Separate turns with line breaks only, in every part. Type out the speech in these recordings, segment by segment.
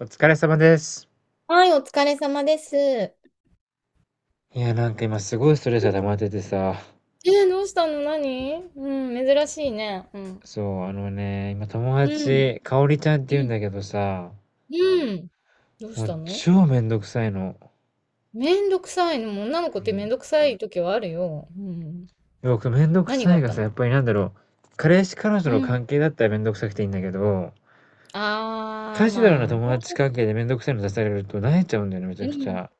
お疲れ様です。
はい、お疲れ様です。
いや、今すごいストレスが溜まっててさ。
どうしたの。何、うん、珍しいね。うん。
そう、今友
うん。うん。
達、かおりちゃんって言うんだけどさ、
うん。どうし
もう
たの。
超めんどくさいの。
めんどくさいの。もう女の子
う
ってめん
ん。
どくさい時はあるよ。うん。
僕めんどく
何が
さ
あっ
いが
た
さ、
の。
やっぱりなんだろう。彼氏彼女
う
の
ん。
関係だったらめんどくさくていいんだけど、
あー、
カジュアル
ま
な
あね。
友達関係でめんどくさいの出されると萎えちゃうんだよね、めち
う
ゃくち
ん。
ゃ。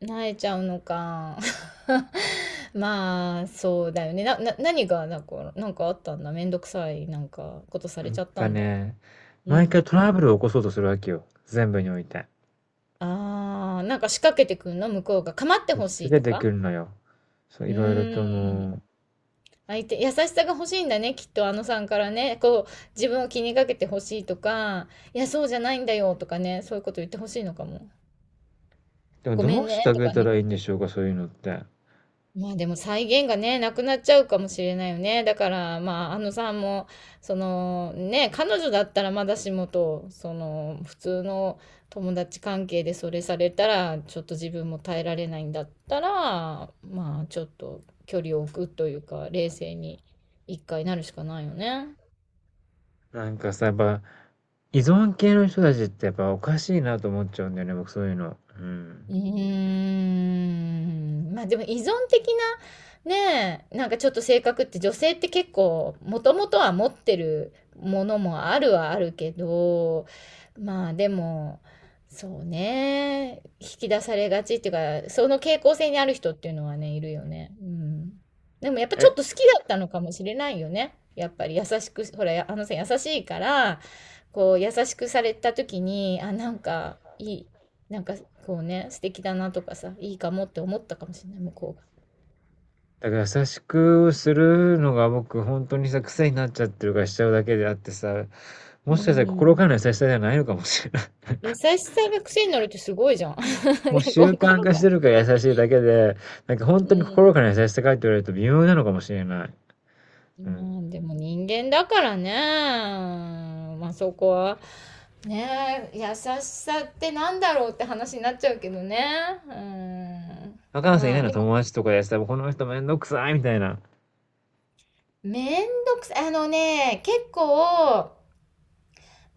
泣いちゃうのか。まあ、そうだよね。何が、なんか、なんかあったんだ。めんどくさい、なんか、ことさ
やっ
れちゃった
ぱ
んだ。
ね、
う
毎
ん。
回トラブルを起こそうとするわけよ。全部において。
ああ、なんか仕掛けてくんの、向こうが。構ってほ
仕
し
掛
い
け
と
てく
か。
るのよ。そう、
う
いろいろ
ー
とも
ん。
う。
相手、優しさが欲しいんだね、きっとあのさんからね。こう、自分を気にかけて欲しいとか、いや、そうじゃないんだよとかね、そういうこと言って欲しいのかも。
でも
ごめ
ど
ん
うし
ね
てあ
と
げ
か
たら
ね。
いいんでしょうか、そういうのって。
まあでも再現がね、なくなっちゃうかもしれないよね。だからまあ、あのさんも、そのね、彼女だったらまだしもと、その普通の友達関係でそれされたら、ちょっと自分も耐えられないんだったら、まあちょっと距離を置くというか、冷静に一回なるしかないよね。
なんかさ、やっぱ、依存系の人たちってやっぱおかしいなと思っちゃうんだよね、僕そういうの。うん。
うーん、まあでも依存的なねえ、なんかちょっと性格って女性って結構もともとは持ってるものもあるはあるけど、まあでも、そうね、引き出されがちっていうか、その傾向性にある人っていうのはね、いるよね。うん。でもやっぱちょ
え、
っと好きだったのかもしれないよね。やっぱり優しく、ほら、やあのさん優しいから、こう優しくされた時に、あ、なんかいい。なんかこうね、素敵だなとかさ、いいかもって思ったかもしれない、向こ
だから優しくするのが僕本当にさ、癖になっちゃってるからしちゃうだけであってさ、
う
も
が。
し
う
かしたら心
ん。
からの優しさではないのかもしれない。
優しさが癖になるってすごいじゃん。
もう
ね、
習慣
心
化し
が。
てるから優しいだけで、本
う
当に心
ん。
からの優しさかって言われると微妙なのかもしれない。うん。
まあでも人間だからね。まあそこは。ねえ、優しさってなんだろうって話になっちゃうけどね。うん。
若菜さんいな
ま
い
あ
の
でも、
友達とかでさ、この人めんどくさいみたいな。
めんどくさい。ね、結構、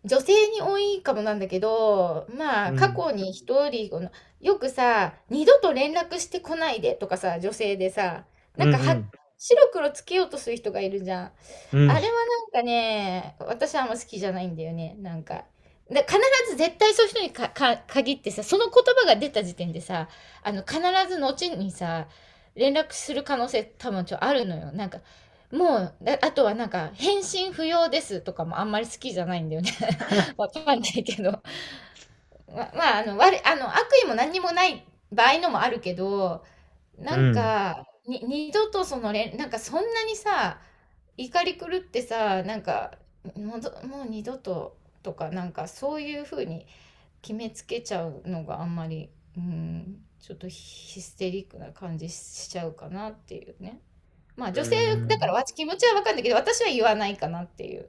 女性に多いかもなんだけど、ま
う
あ、過
ん。
去に一人この、よくさ、二度と連絡してこないでとかさ、女性でさ、
う
なんかは、
ん
白黒つけようとする人がいるじゃん。
うん。うん。
あれはなんかね、私はあんま好きじゃないんだよね、なんか。で、必ず絶対そういう人に限ってさ、その言葉が出た時点でさ、あの、必ず後にさ、連絡する可能性多分ちょあるのよ。なんか、もう、だあとはなんか、返信不要ですとかもあんまり好きじゃないんだよね。わかんないけど まあ、あの、悪意も何にもない場合のもあるけど、
う
なん
ん。
か、二度とその連、なんかそんなにさ、怒り狂ってさ、なんか、もう二度ととか、なんかそういうふうに決めつけちゃうのがあんまり、うん、ちょっとヒステリックな感じしちゃうかなっていうね。まあ
う
女性
ー
だから
ん。
わ気持ちはわかんないけど、私は言わないかなっていう。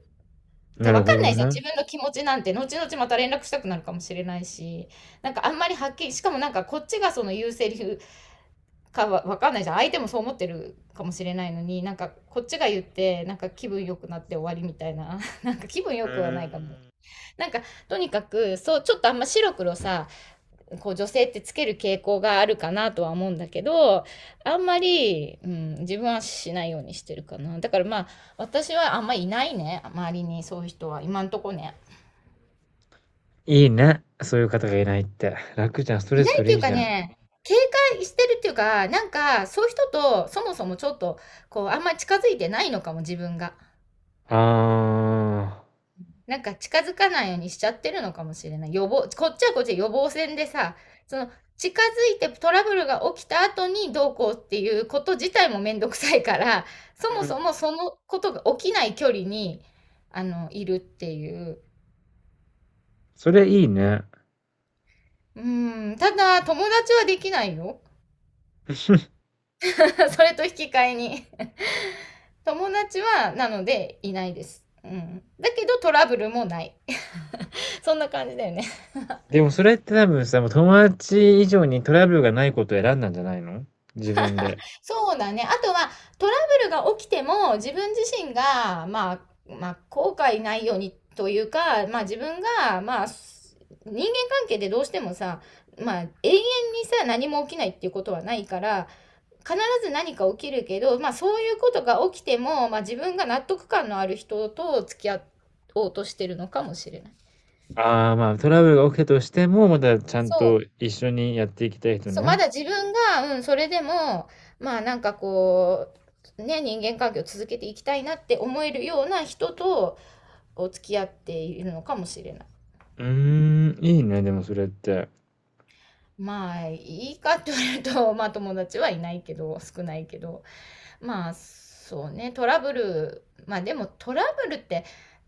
で、
なる
わ
ほ
かん
ど
ないじゃん。
ね。
自分の気持ちなんて、後々また連絡したくなるかもしれないし、なんかあんまりはっきり、しかもなんかこっちがその言うセリフかはわかんないじゃん。相手もそう思ってるかもしれないのに、なんかこっちが言って、なんか気分良くなって終わりみたいな。なんか気分
う
良くは
ー
ないかも。
ん。
なんかとにかく、そう、ちょっとあんま白黒さ、こう女性ってつける傾向があるかなとは思うんだけど、あんまり、うん、自分はしないようにしてるかな。だからまあ、私はあんまいないね。周りにそういう人は。今んとこね。
いいね、そういう方がいないって。楽じゃん、ストレ
いな
ス
い
フ
って
リ
い
ー
うか
じゃん。
ね、警戒してるっていうか、なんか、そういう人と、そもそもちょっと、こう、あんまり近づいてないのかも、自分が。
ああ。
なんか、近づかないようにしちゃってるのかもしれない。予防、こっちはこっちで予防線でさ、その、近づいてトラブルが起きた後にどうこうっていうこと自体もめんどくさいから、そ
う
もそ
ん。
もそのことが起きない距離に、あの、いるっていう。
それいいね。
うん、ただ、友達はできないよ。それと引き換えに。友達は、なので、いないです。うん。だけど、トラブルもない そんな感じだよね。
でもそれって多分さ、もう友達以上にトラブルがないことを選んだんじゃないの？自分で。
そうだね。あとは、トラブルが起きても、自分自身が、まあ、まあ、後悔ないようにというか、まあ、自分が、まあ、人間関係でどうしてもさ、まあ、永遠にさ、何も起きないっていうことはないから、必ず何か起きるけど、まあ、そういうことが起きても、まあ、自分が納得感のある人と付き合おうとしてるのかもしれない。
ああ、まあ、トラブルが起きたとしても、またちゃん
そ
と
う。
一緒にやっていきたい人
そう、ま
ね。
だ自分が、うん、それでも、まあなんかこう、ね、人間関係を続けていきたいなって思えるような人とお付き合っているのかもしれない。
うーん、いいね、でもそれって。
まあ、いいかというと、まあ友達はいないけど、少ないけど、まあそうね、トラブル、まあでもトラブルって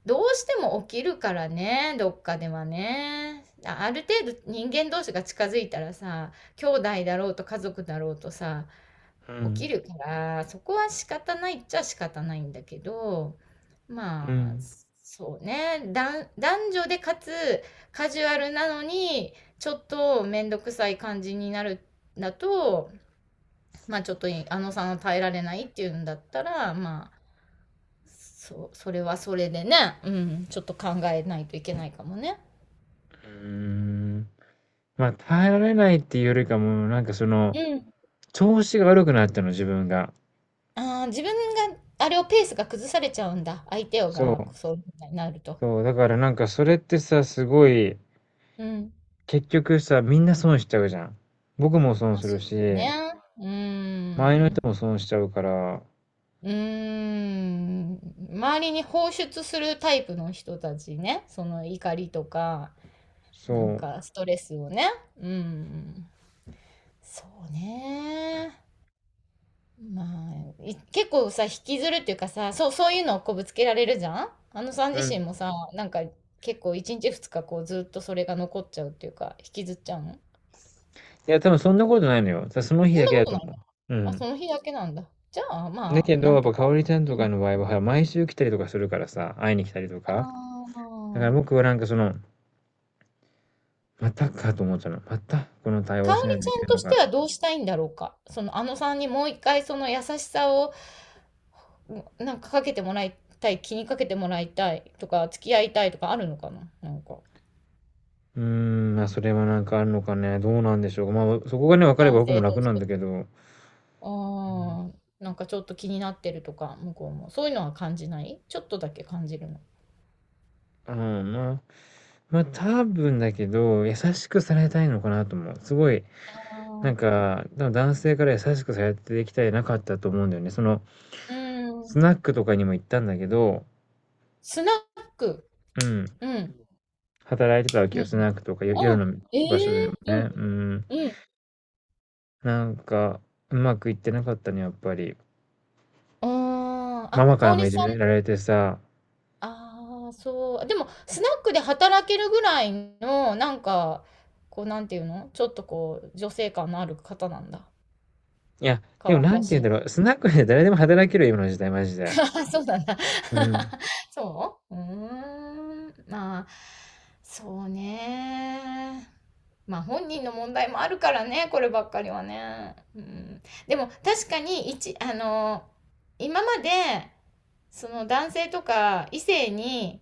どうしても起きるからね、どっかではね。ある程度人間同士が近づいたらさ、兄弟だろうと家族だろうとさ、
う
起き
ん。
るから、そこは仕方ないっちゃ仕方ないんだけど、
う
まあ、
ん。
そうね、男女でかつカジュアルなのに、ちょっと面倒くさい感じになるんだと、まあちょっとあのさんは耐えられないっていうんだったら、まあ、そう、それはそれでね、うん、ちょっと考えないといけないかもね。
うーん。まあ、耐えられないっていうよりかも、
うん。
調子が悪くなったの、自分が。
ああ、自分が、あれをペースが崩されちゃうんだ。相手を
そう。
が、そういうふうになると。
そう。だからなんかそれってさ、すごい、
うん。
結局さ、みんな損しちゃうじゃん。僕も損
まあ、
す
そ
る
うだ
し、
ね。うー
周りの人
ん。
も損しちゃうから、
うーん。周りに放出するタイプの人たちね。その怒りとか、なん
そう。
かストレスをね。うん。そうね。まあ、結構さ、引きずるっていうかさ、そう、そういうのをこうぶつけられるじゃん、あのさん
う
自
ん。
身もさ、なんか結構1日2日こうずっとそれが残っちゃうっていうか、引きずっちゃうの。
いや、多分そんなことないのよ。さ、その日
そん
だ
な
け
こ
だ
と
と
ない。
思う。う
あ、そ
ん。
の日だけなんだ。じゃあ、
だ
ま
け
あ、
ど、
なん
やっ
と
ぱ、かお
か。
りちゃんとかの場合は、毎週来たりとかするからさ、会いに来たりと
あ
か。だから僕
あ。
はなんかその、またかと思っちゃうの。またこの対
か
応し
お
な
り
いと
ち
い
ゃ
け
ん
ない
と
の
し
か。
てはどうしたいんだろうか。その、あのさんにもう一回その優しさを、なんかかけてもらいたい、気にかけてもらいたいとか、付き合いたいとかあるのかな、なんか、
うーん、まあ、それはなんかあるのかね、どうなんでしょう。まあ、そこがね、分かれば
男
僕も
性と
楽
し
なん
て。
だけど。
ああ。なんかちょっと気になってるとか、向こうも。そういうのは感じない、ちょっとだけ感じるの。
うん、まあ、多分だけど、優しくされたいのかなと思う。すごい、
あ
なん
あ。
か、多分男性から優しくされてきてなかったと思うんだよね。その、
う
ス
ん。
ナックとかにも行ったんだけど
スナック。
うん、
うん。
働いてたわけ
う
よ、ス
ん。
ナックとかよ夜
あ、
の
え
場所でも
え、うん。
ね。うん。
うん。
なんか、うまくいってなかったね、やっぱり。
ああ。
マ
あ、
マか
か
ら
お
も
り
い
さ
じめ
ん。
られてさ
ああ、そう。でも、スナックで働けるぐらいの、なんか、こう、なんていうのちょっとこう、女性感のある方なんだ。
いや、
可
でも
愛
な
ら
んて言う
し
んだ
い。
ろう、スナックで誰でも働けるよ、今の時代、マジで。
そうなんだ。
うん。
そう、うーん。まあ、そうね。まあ、本人の問題もあるからね、こればっかりはね。うん。でも、確かに、あの、今まで、その男性とか異性に、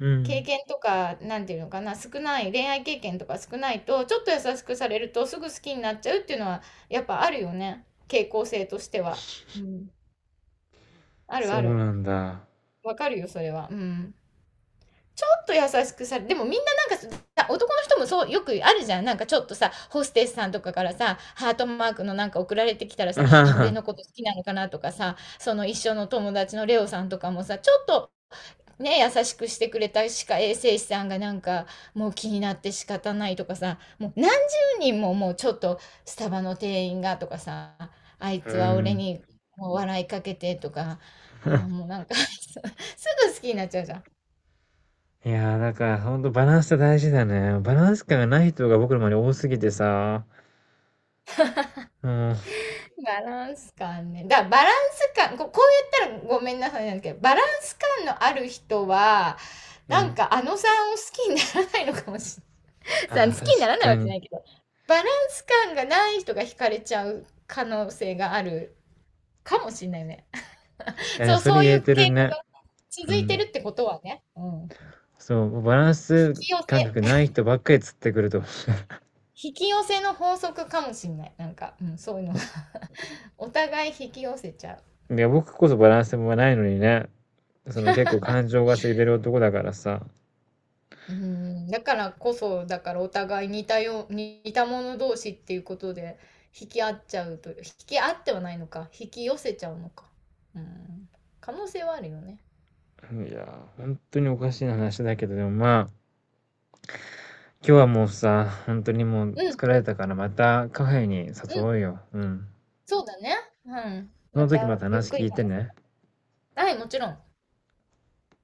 う
経
ん。
験とか、なんていうのかな、少ない、恋愛経験とか少ないと、ちょっと優しくされるとすぐ好きになっちゃうっていうのは、やっぱあるよね。傾向性としては。うん。ある
そう
ある。
なんだ。
わかるよ、それは。うん。ちょっと優しくされ、でもみんななんかさ、男の人もそう、よくあるじゃん。なんかちょっとさ、ホステスさんとかからさ、ハートマークのなんか送られてきたらさ、あ、俺 のこと好きなのかなとかさ、その一緒の友達のレオさんとかもさ、ちょっとね、優しくしてくれた歯科衛生士さんがなんかもう気になって仕方ないとかさ、もう何十人も、もうちょっとスタバの店員がとかさ、あい
う
つは俺
ん。
にもう笑いかけてとか、あーもうなんか すぐ好きになっちゃうじゃん。
いや、だからほんとバランスって大事だね。バランス感がない人が僕の周り多すぎてさ、うん、
バランス感ね。だからバランス感こう言ったらごめんなさいなんだけど、バランス感のある人は
う
なん
ん。
かあのさんを好きにならないのかもし、さ、
あ
好
あ、確
きにならない
か
わけ
に。
じ
い
ゃないけど、バランス感がない人が惹かれちゃう可能性があるかもしれないね。
や、
そう、
それ
そうい
言
う
え
傾向
てる
が
ね。う
続いて
ん。
るってことはね、うん。引
そう、バランス
き寄
感覚
せ。
ない人ばっかり釣ってくると思
引き寄せの法則かもしれない。なんか、うん、そういうの。お互い引き寄せちゃう。
う。いや、僕こそバランスもないのにね、その結構 感情が揺れる男だからさ。
うん、だからこそ、だからお互い似た者同士っていうことで、引き合ってはないのか、引き寄せちゃうのか。うん、可能性はあるよね。
いやー、本当におかしい話だけど、でもまあ、今日はもうさ、本当にもう
うん、
疲れたからまたカフェに誘
う
お
ん。
うよ。うん。
そうだね。うん。
そ
ま
の時ま
た
た
ゆっ
話
く
聞
り
い
話
て
せ
ね。
ば、はい、もちろん。